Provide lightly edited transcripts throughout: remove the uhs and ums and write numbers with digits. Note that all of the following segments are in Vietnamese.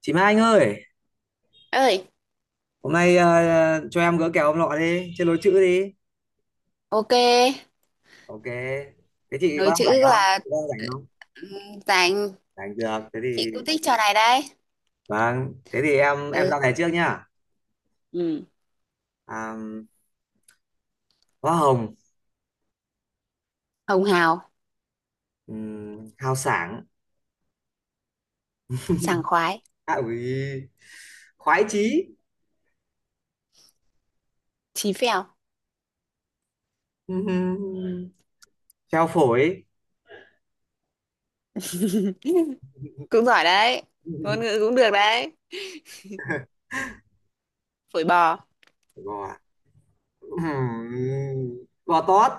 Chị Mai Anh ơi, Ơi. hôm nay cho em gỡ kèo ông nọ đi, chơi lối chữ đi. Ok, Ok, thế chị có nối đang rảnh chữ không? là Chị có đang rảnh không? Dành. Rảnh được, thế thì Chị cũng thích trò này đấy. vâng, thế thì em Ừ. ra này trước nhá. Ừ. À, Hoa Hồng, Hồng hào. Hào Sảng, Sảng khoái. à, ui, Khoái Chí, Chí phèo. um, Treo Phổi, Cũng giỏi đấy. Ngôn ngữ cũng được đấy. Phổi bò. gò, um, gò tót,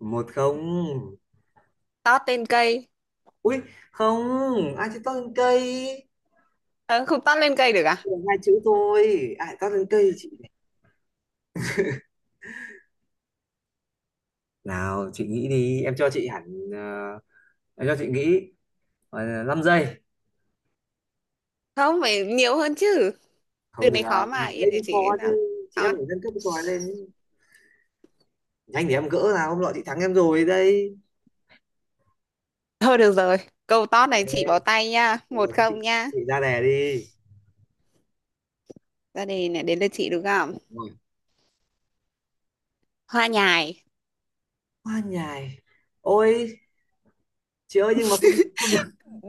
một không, Tót lên cây. ui không, ai chơi tót lên cây, Ờ, không tót lên cây được à? Chỉ hai chữ thôi ai toát lên cây chị này. Nào chị nghĩ đi em cho chị hẳn ờ, em cho chị nghĩ 5 giây Không phải nhiều hơn chứ. Từ không được này khó mà, yên đấy để mới chị khó chứ nào. chị em Tót. phải nâng cấp cái trò này lên nhanh thì em gỡ nào hôm nọ chị thắng em rồi đây. Thôi được rồi, câu tót Ok, này chị bỏ tay nha, một rồi thế chị, không nha. chị ra đề đi. Ra đây này, đến lượt chị đúng không? Rồi. Hoa nhài. Hoa nhài, ôi chị ơi nhưng mà không được không được,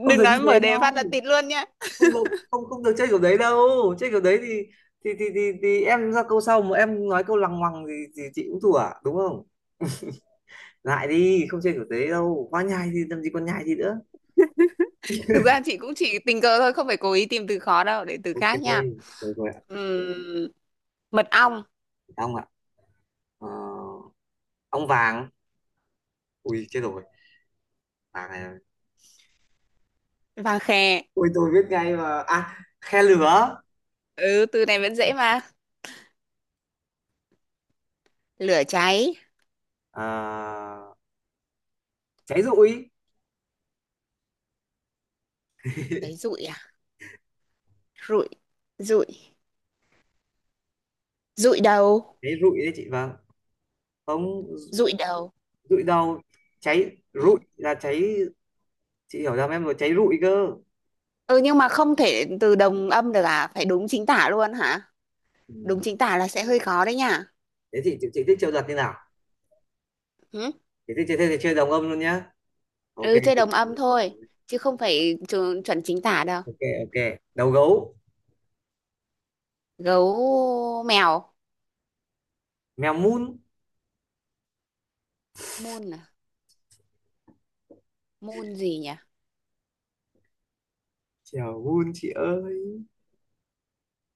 không được như nói mở thế đề phát đâu, là tịt luôn nhá. không được, không không được chơi kiểu đấy đâu, chơi kiểu đấy thì em ra câu sau mà em nói câu lằng ngoằng thì chị cũng thua à? Đúng không, lại đi không chơi kiểu thế đâu, quá nhai thì làm gì còn nhai gì nữa. Thực ra chị cũng chỉ tình cờ thôi, không phải cố ý tìm từ khó đâu, để từ Ok, khác nha. rồi rồi ạ. Ừm, mật ong. Ông ạ, ờ, ông vàng, ui chết rồi, vàng này, Vàng khè. ui tôi biết ngay mà, à khe lửa. Ừ, từ này vẫn dễ mà. Lửa cháy. Ờ, cháy rụi, Cháy rụi à? Rụi, rụi, rụi đầu, cháy rụi đấy chị, vâng, không, rụi đầu. rụi đâu, cháy rụi Ừ. là cháy, chị hiểu ra em rồi, cháy rụi cơ. Ừ, nhưng mà không thể từ đồng âm được à? Phải đúng chính tả luôn hả? Ừ. Đúng chính tả là sẽ hơi khó đấy nhá. Thế chị thích chơi giật như nào, Ừ, chị thích chơi thế thì chơi đồng âm luôn nhá. Ok ừ chơi đồng âm thôi, chứ không phải chuẩn chính tả đâu. ok, ok. Đầu gấu, Gấu mèo. mèo mun, Môn à? Môn gì nhỉ? chào buôn chị ơi,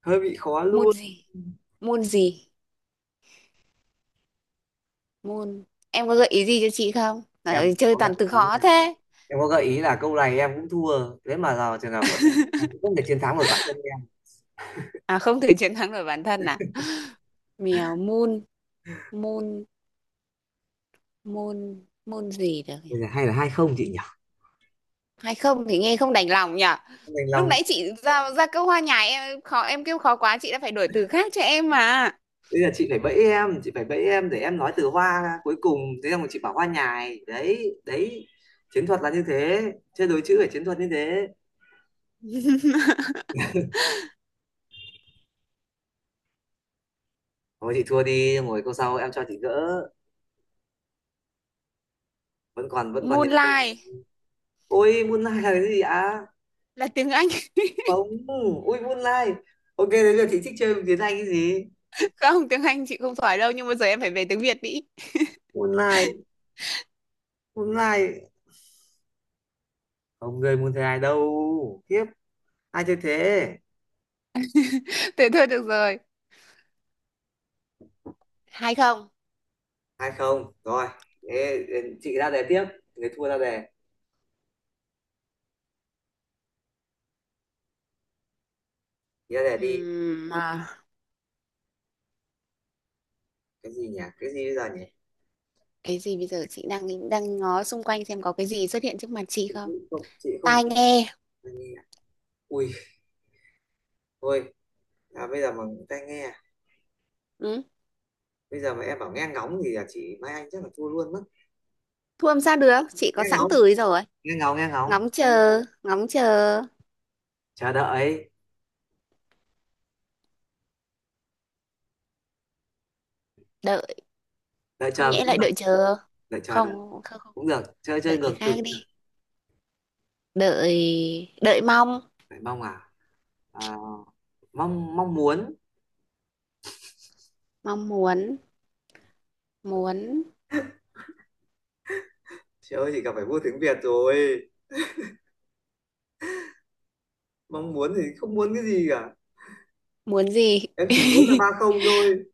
hơi bị khó Môn luôn. gì? Môn gì? Môn. Em có gợi ý gì cho chị không à? Ừ, Em chơi có gợi toàn từ ý là, khó thế. em có gợi ý là câu này em cũng thua, thế mà vào trường hợp của em cũng không thể chiến thắng nổi bản thân em. À, không thể chiến thắng nổi bản thân à. Mèo môn. Môn. Môn gì được nhỉ? Bây giờ hay là hai không chị nhỉ. Hay không thì nghe không đành lòng nhỉ. Không đành Lúc lòng. nãy chị ra ra câu hoa nhài, em khó, em kêu khó quá, chị đã phải đổi từ khác cho em mà. Bây giờ chị phải bẫy em, chị phải bẫy em để em nói từ hoa ra cuối cùng, thế xong rồi chị bảo hoa nhài đấy đấy, chiến thuật là như thế, chơi đối chữ phải chiến thuật như thế. Thôi chị thua đi, ngồi câu sau em cho chị gỡ, vẫn còn nhiều câu. Moonlight Ôi moonlight là cái gì ạ, là tiếng Anh. không, ui moonlight, ok thế giờ chị thích chơi tiếng Anh cái gì. Không, tiếng Anh chị không giỏi đâu, nhưng mà giờ em phải về tiếng Việt đi. Moonlight, Moonlight, không người muốn thế ai đâu tiếp, ai chơi thế. Thế thôi được rồi. Hay không. Hai không rồi, thế chị ra đề tiếp, người thua ra đề, chị ra đề đi. À, Cái gì nhỉ, cái gì bây giờ nhỉ. cái gì bây giờ? Chị đang đang ngó xung quanh xem có cái gì xuất hiện trước mặt chị Chị không? không, chị không. Tai nghe. Ai nghe à? Ui, thôi, à, bây giờ mà tai nghe à? Ừ. Bây giờ mà em bảo nghe ngóng thì là chị Mai Anh chắc là thua luôn mất. Thu âm sao được? Chị Nghe có sẵn ngóng, từ ấy rồi. nghe ngóng, nghe ngóng Ngóng chờ, chờ đợi, đợi. đợi Không chờ nhẽ cũng lại được, đợi chờ. đợi chờ được, Không, không, không. cũng được, chơi chơi Đợi cái ngược chữ khác cũng được. đi. Đợi, đợi mong, Phải mong à, mong mong muốn. mong muốn, muốn, Trời ơi, chị gặp phải vua tiếng Việt rồi. Mong muốn thì không muốn cái gì cả, muốn gì? em chỉ muốn là ba không thôi,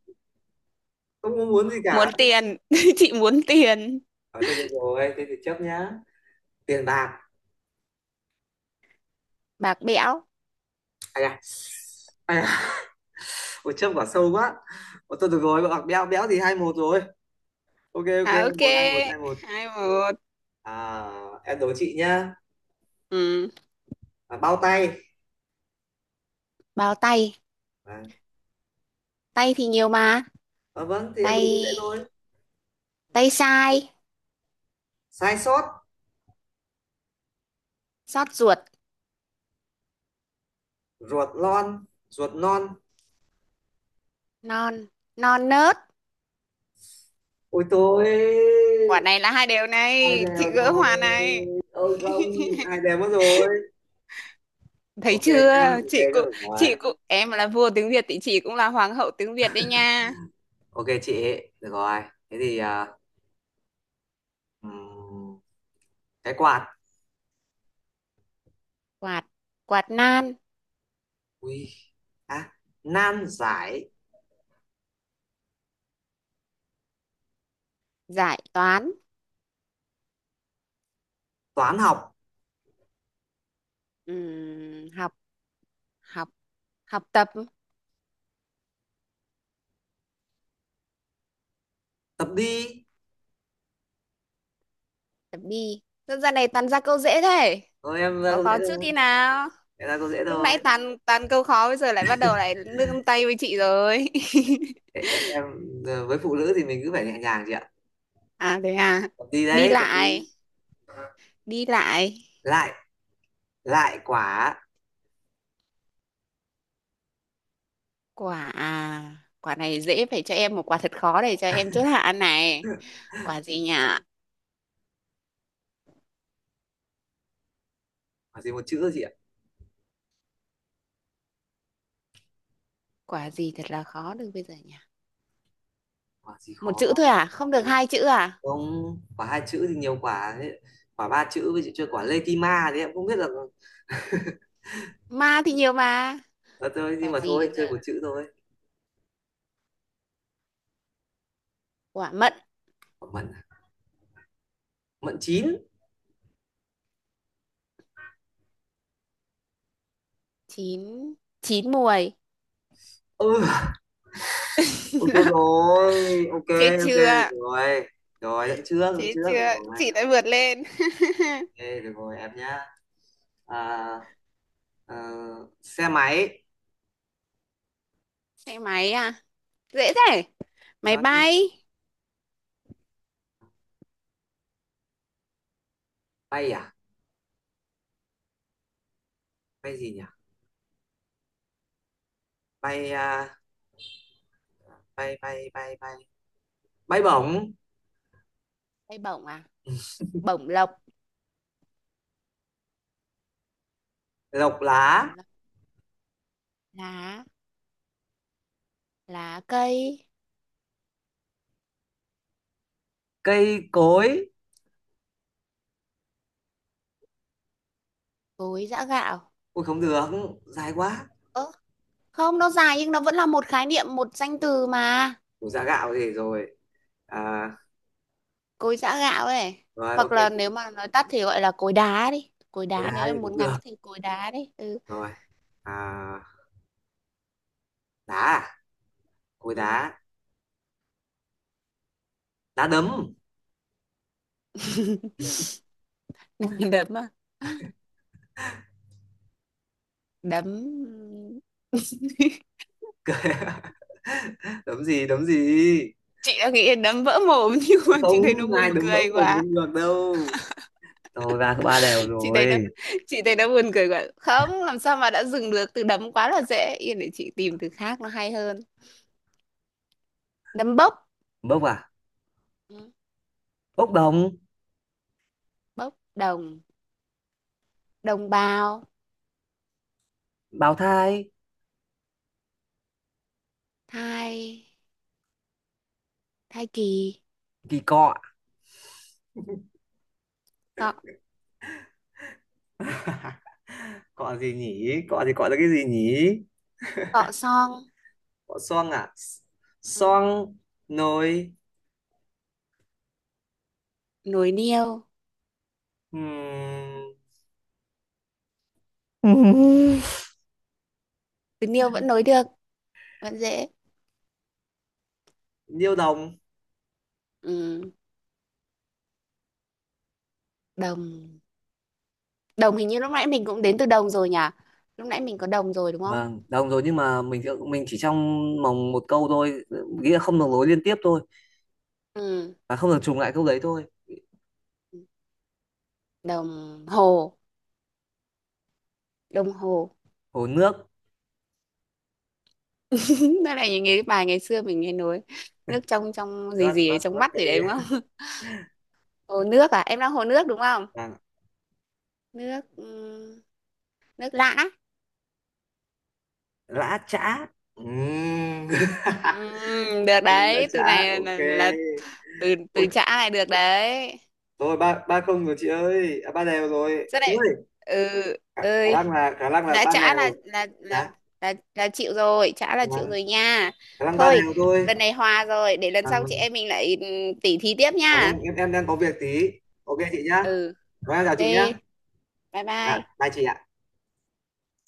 không có muốn gì Muốn cả. tiền. Chị muốn tiền. À, thôi được rồi thế thì chấp nhá. Tiền bạc, Bạc bẽo. ai à, ai à, một chấp quả sâu quá. Ủa, thôi được rồi bạc béo, béo thì hai một rồi. Ok, ok, À ok. một hai một hai một. Hai một. À, em đố chị nhá. Ừ. À, bao tay. Bao tay. À, Tay thì nhiều mà. Vâng thì em đố Tay, dễ thôi. tay sai. Sai sót, Xót ruột. ruột non, ruột non, Non. Non nớt. ôi tôi, Quả này là hai đều hai này, đều chị gỡ rồi, hòa này. ôi không, hai đều mất rồi. Thấy Ok chưa. nhá, ok, Chị cũng, rồi. chị cũng, em là vua tiếng Việt thì chị cũng là hoàng hậu tiếng Việt đấy nha. Ok chị, được rồi. Thế thì ừm, cái quạt. Quạt. Quạt nan. Ui. À, nan giải, Giải toán. toán học học. Học. Học tập. tập đi. Tập đi. Sao giờ này toàn ra câu dễ thế? Thôi em ra Khó câu dễ khó trước thôi. đi nào. Em ra câu dễ Lúc thôi. nãy toàn toàn câu khó, bây giờ lại bắt đầu lại nương tay với chị rồi. Ê, Em, với phụ nữ thì mình cứ phải nhẹ nhàng chị ạ. À thế à. Tập đi Đi đấy, tập đi. lại. Đi lại. Lại, lại quả. Quả à? Quả này dễ, phải cho em một quả thật khó để cho em chốt hạ này. Quả gì nhỉ? Quả gì một chữ chị ạ? Quả gì thật là khó được bây giờ nhỉ? Quả gì Một chữ khó? thôi à, không được hai chữ à? Không, quả hai chữ thì nhiều quả. Quả ba chữ với chị chơi quả lê kim ma đấy em không biết là. Ma thì nhiều mà. Ờ, thôi nhưng Quả mà gì thôi bây giờ? chơi một chữ thôi. Quả mận. Quả mận, à? Mận chín. Chín. Chín muồi. Ừ. Ôi chết rồi, ok, Chết ok, được chưa. rồi. Rồi, dẫn Chết trước, được chưa. rồi. Chị đã vượt lên. Ok, được rồi, em nhá. À, ờ, xe máy, Xe máy à? Dễ thế. thì Máy nói chứ. bay. Bay à? Bay gì nhỉ? Bay, à, bay, bay, bay, bay. Bay bổng, Bay bổng à? Bổng lộc. lộc lá, Bổng lộc. Lá. Lá cây. cây cối. Cối giã gạo. Ôi không được, dài quá. Ơ, không, nó dài nhưng nó vẫn là một khái niệm, một danh từ mà. Ủa dạ gạo gì rồi. À, Cối giã gạo ấy. rồi, ok, Hoặc là nếu mà nói tắt thì gọi là cối đá đi, cối cối đá, đá nếu thì em muốn cũng ngắn được. thì cối đá đi. Ừ. Rồi, à, đá à? Cối Ừ. đá, đá đấm. Đấm à? Đấm. Đấm gì, đấm gì? Chị đã nghĩ đến đấm vỡ mồm nhưng mà Không, chị thấy nó ai buồn đứng vỡ cười một quá. cũng được đâu, thôi ba ba đều Chị thấy nó, rồi. chị thấy nó buồn cười quá không làm sao mà đã dừng được. Từ đấm quá là dễ, yên để chị tìm từ khác nó hay hơn. Đấm bốc. Bốc à, Ừ, bốc đồng, bốc đồng. Đồng bào. bào thai, Thai. Thai kỳ. kỳ cọ. Có. Cọ gì nhỉ, cọ thì cọ là cái gì nhỉ. Cọ xong. Cọ xoong à, Ừ. xoong nồi. Nối niêu. ừm, Từ niêu vẫn nối được. Vẫn dễ. niêu đồng. Ừ. Đồng. Đồng hình như lúc nãy mình cũng đến từ đồng rồi nhỉ. Lúc nãy mình có đồng rồi đúng không? Vâng đồng rồi nhưng mà mình chỉ trong vòng một câu thôi, nghĩa là không được nối liên tiếp thôi, Ừ. và không được trùng lại câu đấy thôi. Đồng hồ. Đồng hồ. Hồ nước, Đó là những cái bài ngày xưa mình nghe nối, nước trong, trong gì vắt gì ấy, vắt trong vắt mắt gì tay. đấy đúng không? Hồ nước à, em đang hồ nước đúng không? Vâng, Nước, ừ, nước lã. lã chã. Ừm. Ừ, được Mình lã đấy, từ chã này ok. là từ Ui, từ chã này được đấy. rồi ba ba không rồi chị ơi, à, ba đều rồi Rất chị đấy. ơi. Ừ. khả, khả Ừ. năng là khả năng là Đã ba chả là đều. là Dạ. là là là chịu rồi, chả là Dạ chịu vâng, rồi nha. khả năng ba Thôi đều thôi. lần này hòa rồi, để lần À, sau chị vâng. em mình lại, tỉ thí tiếp Dạ vâng nha. em đang có việc tí, ok chị nhá, Ừ. rồi em chào Ok, chị nhá. bye Dạ, bye. bye chị ạ.